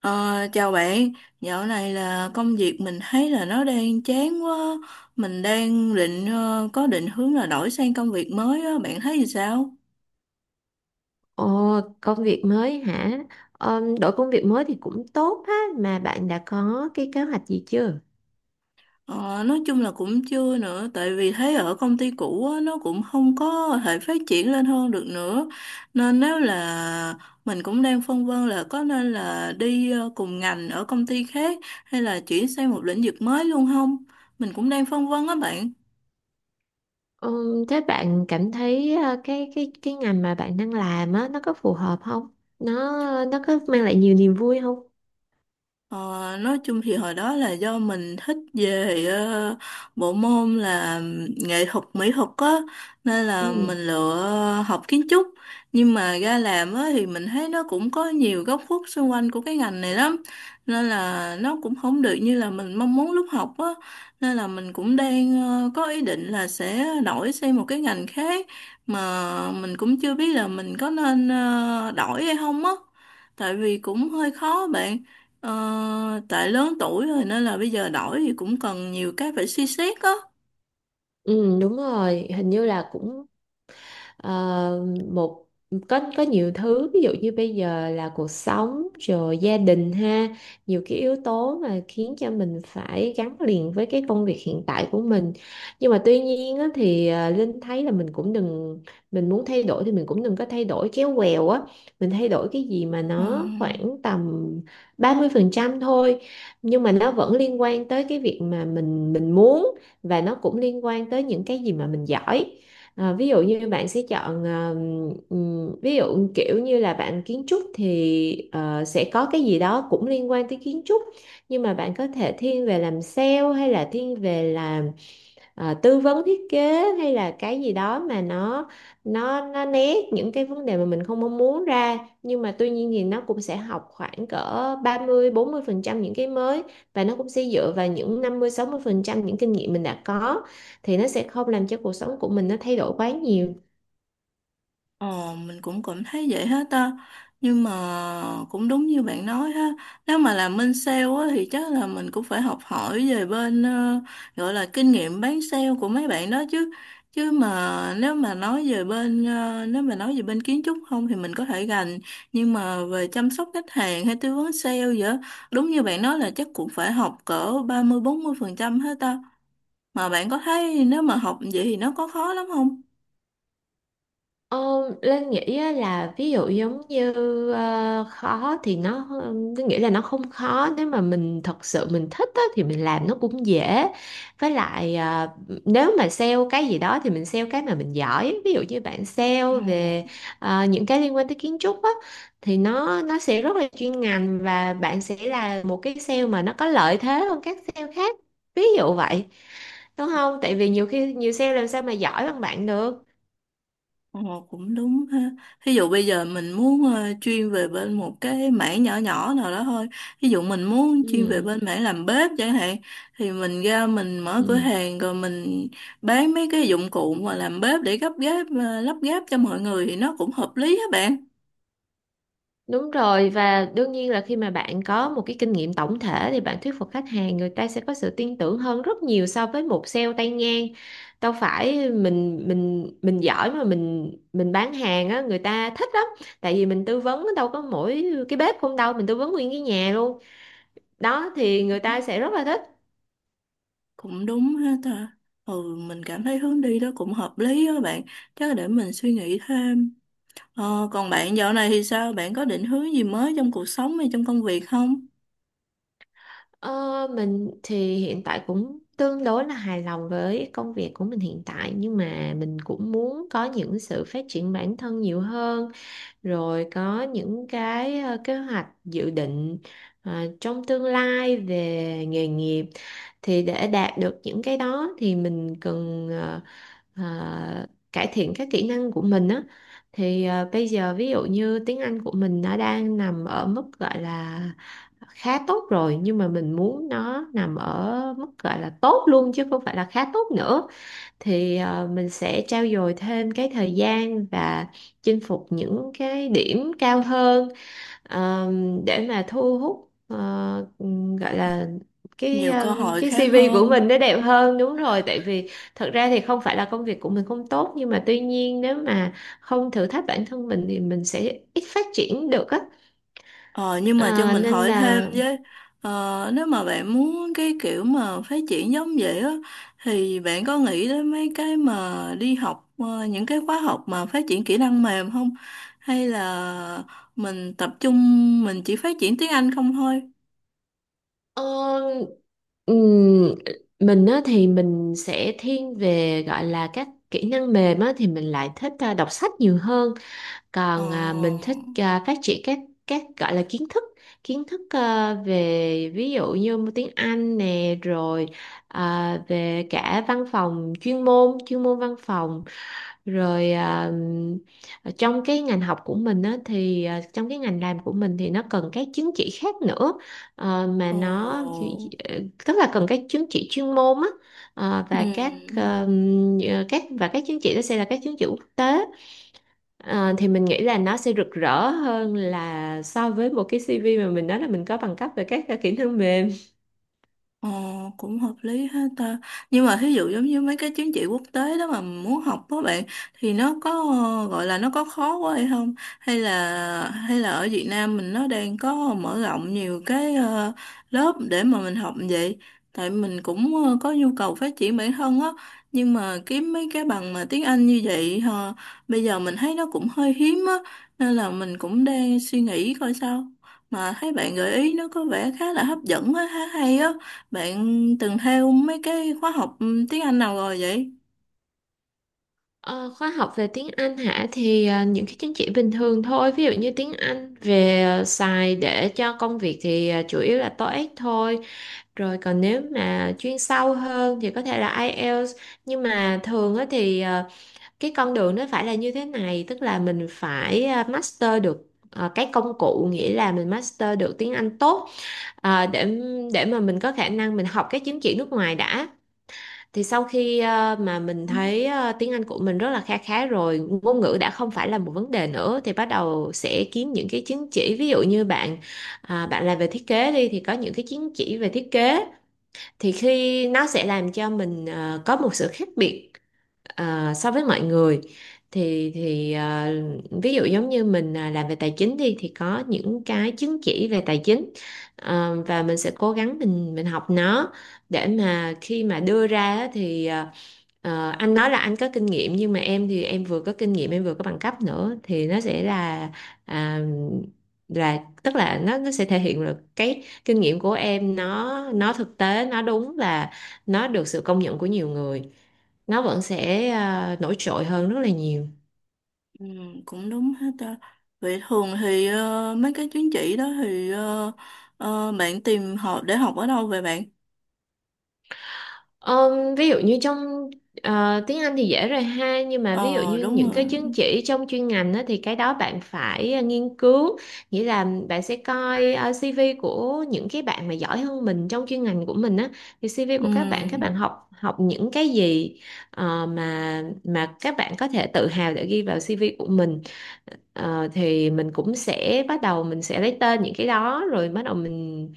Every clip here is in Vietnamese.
Ờ, chào bạn, dạo này là công việc mình thấy là nó đang chán quá, mình đang định có định hướng là đổi sang công việc mới á, bạn thấy thì sao? Ồ, công việc mới hả? Đổi công việc mới thì cũng tốt ha, mà bạn đã có cái kế hoạch gì chưa? Ờ, nói chung là cũng chưa nữa, tại vì thấy ở công ty cũ á, nó cũng không có thể phát triển lên hơn được nữa, nên nếu là mình cũng đang phân vân là có nên là đi cùng ngành ở công ty khác hay là chuyển sang một lĩnh vực mới luôn không? Mình cũng đang phân vân á bạn. Thế bạn cảm thấy cái ngành mà bạn đang làm á nó có phù hợp không? Nó có mang lại nhiều niềm vui không? Ờ, nói chung thì hồi đó là do mình thích về bộ môn là nghệ thuật mỹ thuật á, nên là Ừ, mình lựa học kiến trúc, nhưng mà ra làm á thì mình thấy nó cũng có nhiều góc khuất xung quanh của cái ngành này lắm, nên là nó cũng không được như là mình mong muốn lúc học á, nên là mình cũng đang có ý định là sẽ đổi sang một cái ngành khác, mà mình cũng chưa biết là mình có nên đổi hay không á, tại vì cũng hơi khó bạn. Tại lớn tuổi rồi nên là bây giờ đổi thì cũng cần nhiều cái phải suy xét á. ừ, đúng rồi, hình như là cũng. Ờ, một Có nhiều thứ, ví dụ như bây giờ là cuộc sống rồi gia đình ha, nhiều cái yếu tố mà khiến cho mình phải gắn liền với cái công việc hiện tại của mình. Nhưng mà tuy nhiên á, Linh thấy là mình cũng đừng mình muốn thay đổi thì mình cũng đừng có thay đổi chéo quèo á. Mình thay đổi cái gì mà Ừ. nó khoảng tầm 30% thôi, nhưng mà nó vẫn liên quan tới cái việc mà mình muốn, và nó cũng liên quan tới những cái gì mà mình giỏi. Ví dụ như bạn sẽ chọn ví dụ kiểu như là bạn kiến trúc thì sẽ có cái gì đó cũng liên quan tới kiến trúc, nhưng mà bạn có thể thiên về làm sale hay là thiên về làm tư vấn thiết kế, hay là cái gì đó mà nó né những cái vấn đề mà mình không mong muốn ra. Nhưng mà tuy nhiên thì nó cũng sẽ học khoảng cỡ 30-40% những cái mới, và nó cũng sẽ dựa vào những 50-60% những kinh nghiệm mình đã có, thì nó sẽ không làm cho cuộc sống của mình nó thay đổi quá nhiều. Ồ, mình cũng cảm thấy vậy hết ta. Nhưng mà cũng đúng như bạn nói ha. Nếu mà làm bên sale á, thì chắc là mình cũng phải học hỏi về bên gọi là kinh nghiệm bán sale của mấy bạn đó chứ. Chứ mà nếu mà nói về bên kiến trúc không thì mình có thể gành, nhưng mà về chăm sóc khách hàng hay tư vấn sale vậy, đúng như bạn nói là chắc cũng phải học cỡ 30 mươi 40% hết ta. Mà bạn có thấy nếu mà học vậy thì nó có khó lắm không? Ờ, Linh nghĩ á, là ví dụ giống như, ờ, khó thì nó Linh nghĩ là nó không khó, nếu mà mình thật sự mình thích á, thì mình làm nó cũng dễ. Với lại nếu mà sale cái gì đó thì mình sale cái mà mình giỏi. Ví dụ như bạn sale Ừ. về những cái liên quan tới kiến trúc á, thì nó sẽ rất là chuyên ngành, và bạn sẽ là một cái sale mà nó có lợi thế hơn các sale khác, ví dụ vậy, đúng không? Tại vì nhiều khi nhiều sale làm sao mà giỏi bằng bạn được. Ồ, cũng đúng ha. Ví dụ bây giờ mình muốn chuyên về bên một cái mảng nhỏ nhỏ nào đó thôi. Ví dụ mình muốn chuyên Ừ. về bên mảng làm bếp chẳng hạn, thì mình ra mình mở cửa Ừ. hàng rồi mình bán mấy cái dụng cụ mà làm bếp để lắp ghép cho mọi người thì nó cũng hợp lý á bạn. Đúng rồi, và đương nhiên là khi mà bạn có một cái kinh nghiệm tổng thể thì bạn thuyết phục khách hàng, người ta sẽ có sự tin tưởng hơn rất nhiều so với một sale tay ngang. Đâu phải mình giỏi mà mình bán hàng á người ta thích lắm. Tại vì mình tư vấn đâu có mỗi cái bếp không đâu, mình tư vấn nguyên cái nhà luôn. Đó thì người ta sẽ rất là thích. Cũng đúng ha ta. Ừ, mình cảm thấy hướng đi đó cũng hợp lý á bạn. Chắc để mình suy nghĩ thêm. Còn bạn dạo này thì sao? Bạn có định hướng gì mới trong cuộc sống hay trong công việc không? Ờ, mình thì hiện tại cũng tương đối là hài lòng với công việc của mình hiện tại, nhưng mà mình cũng muốn có những sự phát triển bản thân nhiều hơn, rồi có những cái kế hoạch, dự định trong tương lai về nghề nghiệp. Thì để đạt được những cái đó thì mình cần cải thiện các kỹ năng của mình á. Thì bây giờ, ví dụ như tiếng Anh của mình nó đang nằm ở mức gọi là khá tốt rồi, nhưng mà mình muốn nó nằm ở mức gọi là tốt luôn chứ không phải là khá tốt nữa. Thì mình sẽ trau dồi thêm cái thời gian và chinh phục những cái điểm cao hơn, để mà thu hút gọi là cái Nhiều cơ ờm, hội cái khác CV của hơn. mình nó đẹp hơn, đúng rồi. Tại vì thật ra thì không phải là công việc của mình không tốt, nhưng mà tuy nhiên nếu mà không thử thách bản thân mình thì mình sẽ ít phát triển được á. Ờ, nhưng mà cho Ờ, mình Nên hỏi thêm là với, nếu mà bạn muốn cái kiểu mà phát triển giống vậy á thì bạn có nghĩ đến mấy cái mà đi học những cái khóa học mà phát triển kỹ năng mềm không, hay là mình tập trung mình chỉ phát triển tiếng Anh không thôi? ờ, Ừm, mình á, thì mình sẽ thiên về gọi là các kỹ năng mềm á, thì mình lại thích đọc sách nhiều hơn. Ờ, Còn mình thích phát triển các gọi là kiến thức về ví dụ như tiếng Anh nè, rồi về cả văn phòng chuyên môn, chuyên môn văn phòng, rồi trong cái ngành học của mình á, thì trong cái ngành làm của mình thì nó cần các chứng chỉ khác nữa. Mà ờ, nó, tức là cần các chứng chỉ chuyên môn á. Ừ. Và các ờ, các và các chứng chỉ đó sẽ là các chứng chỉ quốc tế. Thì mình nghĩ là nó sẽ rực rỡ hơn là so với một cái CV mà mình nói là mình có bằng cấp về các kỹ năng mềm. Ờ, cũng hợp lý ha ta. Nhưng mà thí dụ giống như mấy cái chứng chỉ quốc tế đó mà muốn học đó bạn, thì nó có gọi là nó có khó quá hay không? Hay là ở Việt Nam mình nó đang có mở rộng nhiều cái lớp để mà mình học vậy. Tại mình cũng có nhu cầu phát triển bản thân á, nhưng mà kiếm mấy cái bằng mà tiếng Anh như vậy bây giờ mình thấy nó cũng hơi hiếm á, nên là mình cũng đang suy nghĩ coi sao. Mà thấy bạn gợi ý nó có vẻ khá là hấp dẫn á, khá hay á. Bạn từng theo mấy cái khóa học tiếng Anh nào rồi vậy? Ờ, Khóa học về tiếng Anh hả, thì những cái chứng chỉ bình thường thôi, ví dụ như tiếng Anh về xài để cho công việc thì chủ yếu là TOEIC thôi. Rồi còn nếu mà chuyên sâu hơn thì có thể là IELTS, nhưng mà thường á thì cái con đường nó phải là như thế này, tức là mình phải master được cái công cụ, nghĩa là mình master được tiếng Anh tốt à, để để mà mình có khả năng mình học cái chứng chỉ nước ngoài đã. Thì sau khi mà mình thấy tiếng Anh của mình rất là kha khá rồi, ngôn ngữ đã không phải là một vấn đề nữa, thì bắt đầu sẽ kiếm những cái chứng chỉ. Ví dụ như bạn làm về thiết kế đi thì có những cái chứng chỉ về thiết kế, thì khi nó sẽ làm cho mình có một sự khác biệt so với mọi người. thì thì ờ, Ví dụ giống như mình làm về tài chính đi thì có những cái chứng chỉ về tài chính. Và mình sẽ cố gắng mình học nó, để mà khi mà đưa ra á thì anh nói là anh có kinh nghiệm, nhưng mà em thì em vừa có kinh nghiệm em vừa có bằng cấp nữa, thì nó sẽ là à, là, tức là nó sẽ thể hiện được cái kinh nghiệm của em, nó thực tế, nó đúng và nó được sự công nhận của nhiều người, nó vẫn sẽ nổi trội hơn rất là nhiều. Ừ, cũng đúng hết ta. Vậy thường thì mấy cái chứng chỉ đó thì bạn tìm họ để học ở đâu vậy bạn? Ví dụ như trong tiếng Anh thì dễ rồi ha, nhưng mà ví dụ Ờ, như đúng những cái rồi. chứng chỉ trong chuyên ngành á, thì cái đó bạn phải nghiên cứu, nghĩa là bạn sẽ coi CV của những cái bạn mà giỏi hơn mình trong chuyên ngành của mình á, thì CV Ừ. của các bạn học học những cái gì mà các bạn có thể tự hào để ghi vào CV của mình. Thì mình cũng sẽ bắt đầu mình sẽ lấy tên những cái đó, rồi bắt đầu mình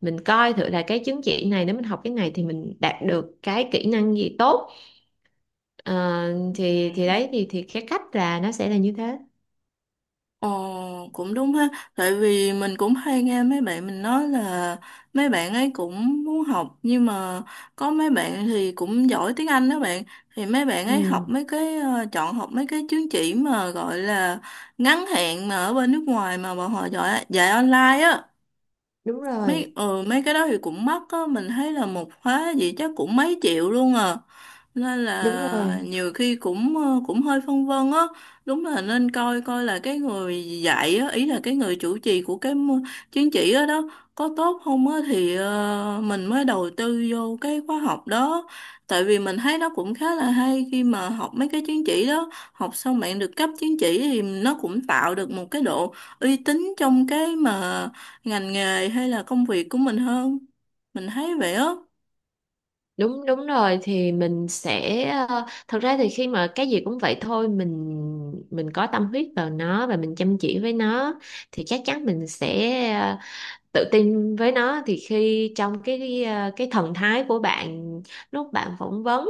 mình coi thử là cái chứng chỉ này, nếu mình học cái này thì mình đạt được cái kỹ năng gì tốt. Ờ, Ừ. Thì đấy, thì cái cách là nó sẽ là như thế. Ồ, cũng đúng ha. Tại vì mình cũng hay nghe mấy bạn mình nói là mấy bạn ấy cũng muốn học nhưng mà có mấy bạn thì cũng giỏi tiếng Anh đó bạn. Thì mấy bạn ấy học Ừ, chọn học mấy cái chứng chỉ mà gọi là ngắn hạn mà ở bên nước ngoài mà bọn họ giỏi dạy online á. đúng rồi, Mấy cái đó thì cũng mắc á, mình thấy là một khóa gì chắc cũng mấy triệu luôn à, nên đúng là rồi, nhiều khi cũng hơi phân vân á. Đúng là nên coi coi là cái người dạy á, ý là cái người chủ trì của cái chứng chỉ đó, đó có tốt không á, thì mình mới đầu tư vô cái khóa học đó. Tại vì mình thấy nó cũng khá là hay khi mà học mấy cái chứng chỉ đó, học xong bạn được cấp chứng chỉ thì nó cũng tạo được một cái độ uy tín trong cái mà ngành nghề hay là công việc của mình hơn, mình thấy vậy á. đúng đúng rồi. Thì mình sẽ thật ra thì khi mà cái gì cũng vậy thôi, mình có tâm huyết vào nó và mình chăm chỉ với nó thì chắc chắn mình sẽ ờ, tự tin với nó. Thì khi trong cái thần thái của bạn lúc bạn phỏng vấn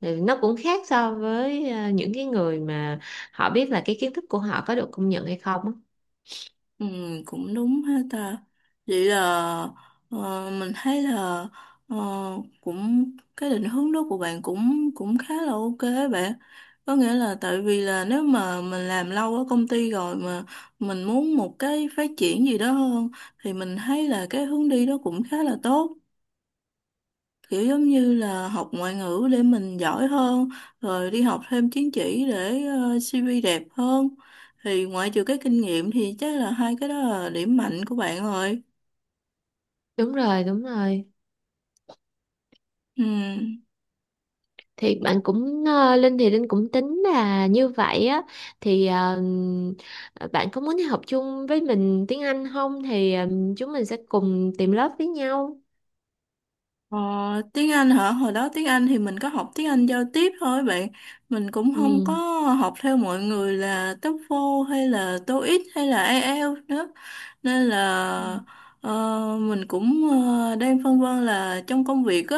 thì nó cũng khác so với những cái người mà họ biết là cái kiến thức của họ có được công nhận hay không á. Ừ, cũng đúng ha ta. Vậy là mình thấy là ờ, cũng cái định hướng đó của bạn cũng cũng khá là OK á bạn, có nghĩa là tại vì là nếu mà mình làm lâu ở công ty rồi mà mình muốn một cái phát triển gì đó hơn, thì mình thấy là cái hướng đi đó cũng khá là tốt, kiểu giống như là học ngoại ngữ để mình giỏi hơn, rồi đi học thêm chứng chỉ để CV đẹp hơn, thì ngoại trừ cái kinh nghiệm thì chắc là hai cái đó là điểm mạnh của bạn rồi. Đúng rồi, đúng rồi. Ừ. Thì bạn cũng Linh cũng tính là như vậy á, thì bạn có muốn học chung với mình tiếng Anh không? Thì chúng mình sẽ cùng tìm lớp với nhau. Ờ, tiếng Anh hả? Hồi đó tiếng Anh thì mình có học tiếng Anh giao tiếp thôi bạn. Mình cũng không có học theo mọi người là TOEFL hay là TOEIC hay là IELTS nữa. Nên Ừ. là mình cũng đang phân vân là trong công việc á,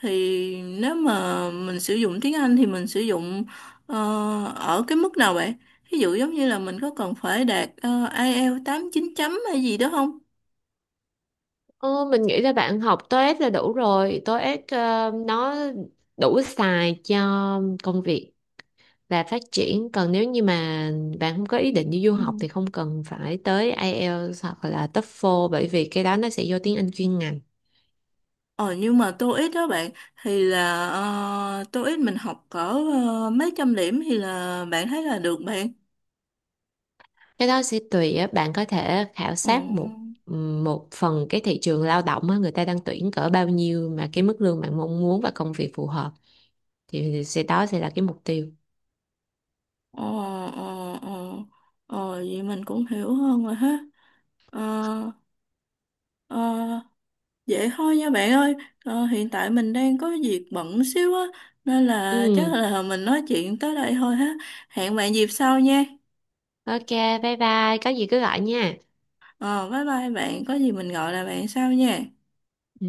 thì nếu mà mình sử dụng tiếng Anh thì mình sử dụng ờ, ở cái mức nào bạn? Ví dụ giống như là mình có cần phải đạt IELTS 8 9 chấm hay gì đó không? Ờ, mình nghĩ là bạn học TOEIC là đủ rồi. TOEIC nó đủ xài cho công việc và phát triển. Còn nếu như mà bạn không có ý định đi du Ừ. học thì không cần phải tới IELTS hoặc là TOEFL, bởi vì cái đó nó sẽ vô tiếng Anh chuyên ngành. Ờ nhưng mà TOEIC đó bạn, thì là TOEIC mình học cỡ mấy trăm điểm thì là bạn thấy là được bạn. Cái đó sẽ tùy á, bạn có thể khảo Ờ, sát một một phần cái thị trường lao động á, người ta đang tuyển cỡ bao nhiêu mà cái mức lương bạn mong muốn và công việc phù hợp, thì sẽ đó sẽ là cái mục tiêu. ờ, ờ, ờ, ờ, vậy mình cũng hiểu hơn rồi ha. Ờ, ờ, vậy thôi nha bạn ơi. Hiện tại mình đang có việc bận xíu á, nên là Ừ, chắc là mình nói chuyện tới đây thôi ha. Hẹn bạn dịp sau nha. ok, bye bye, có gì cứ gọi nha. Ờ bye bye bạn, có gì mình gọi là bạn sau nha. Ừ.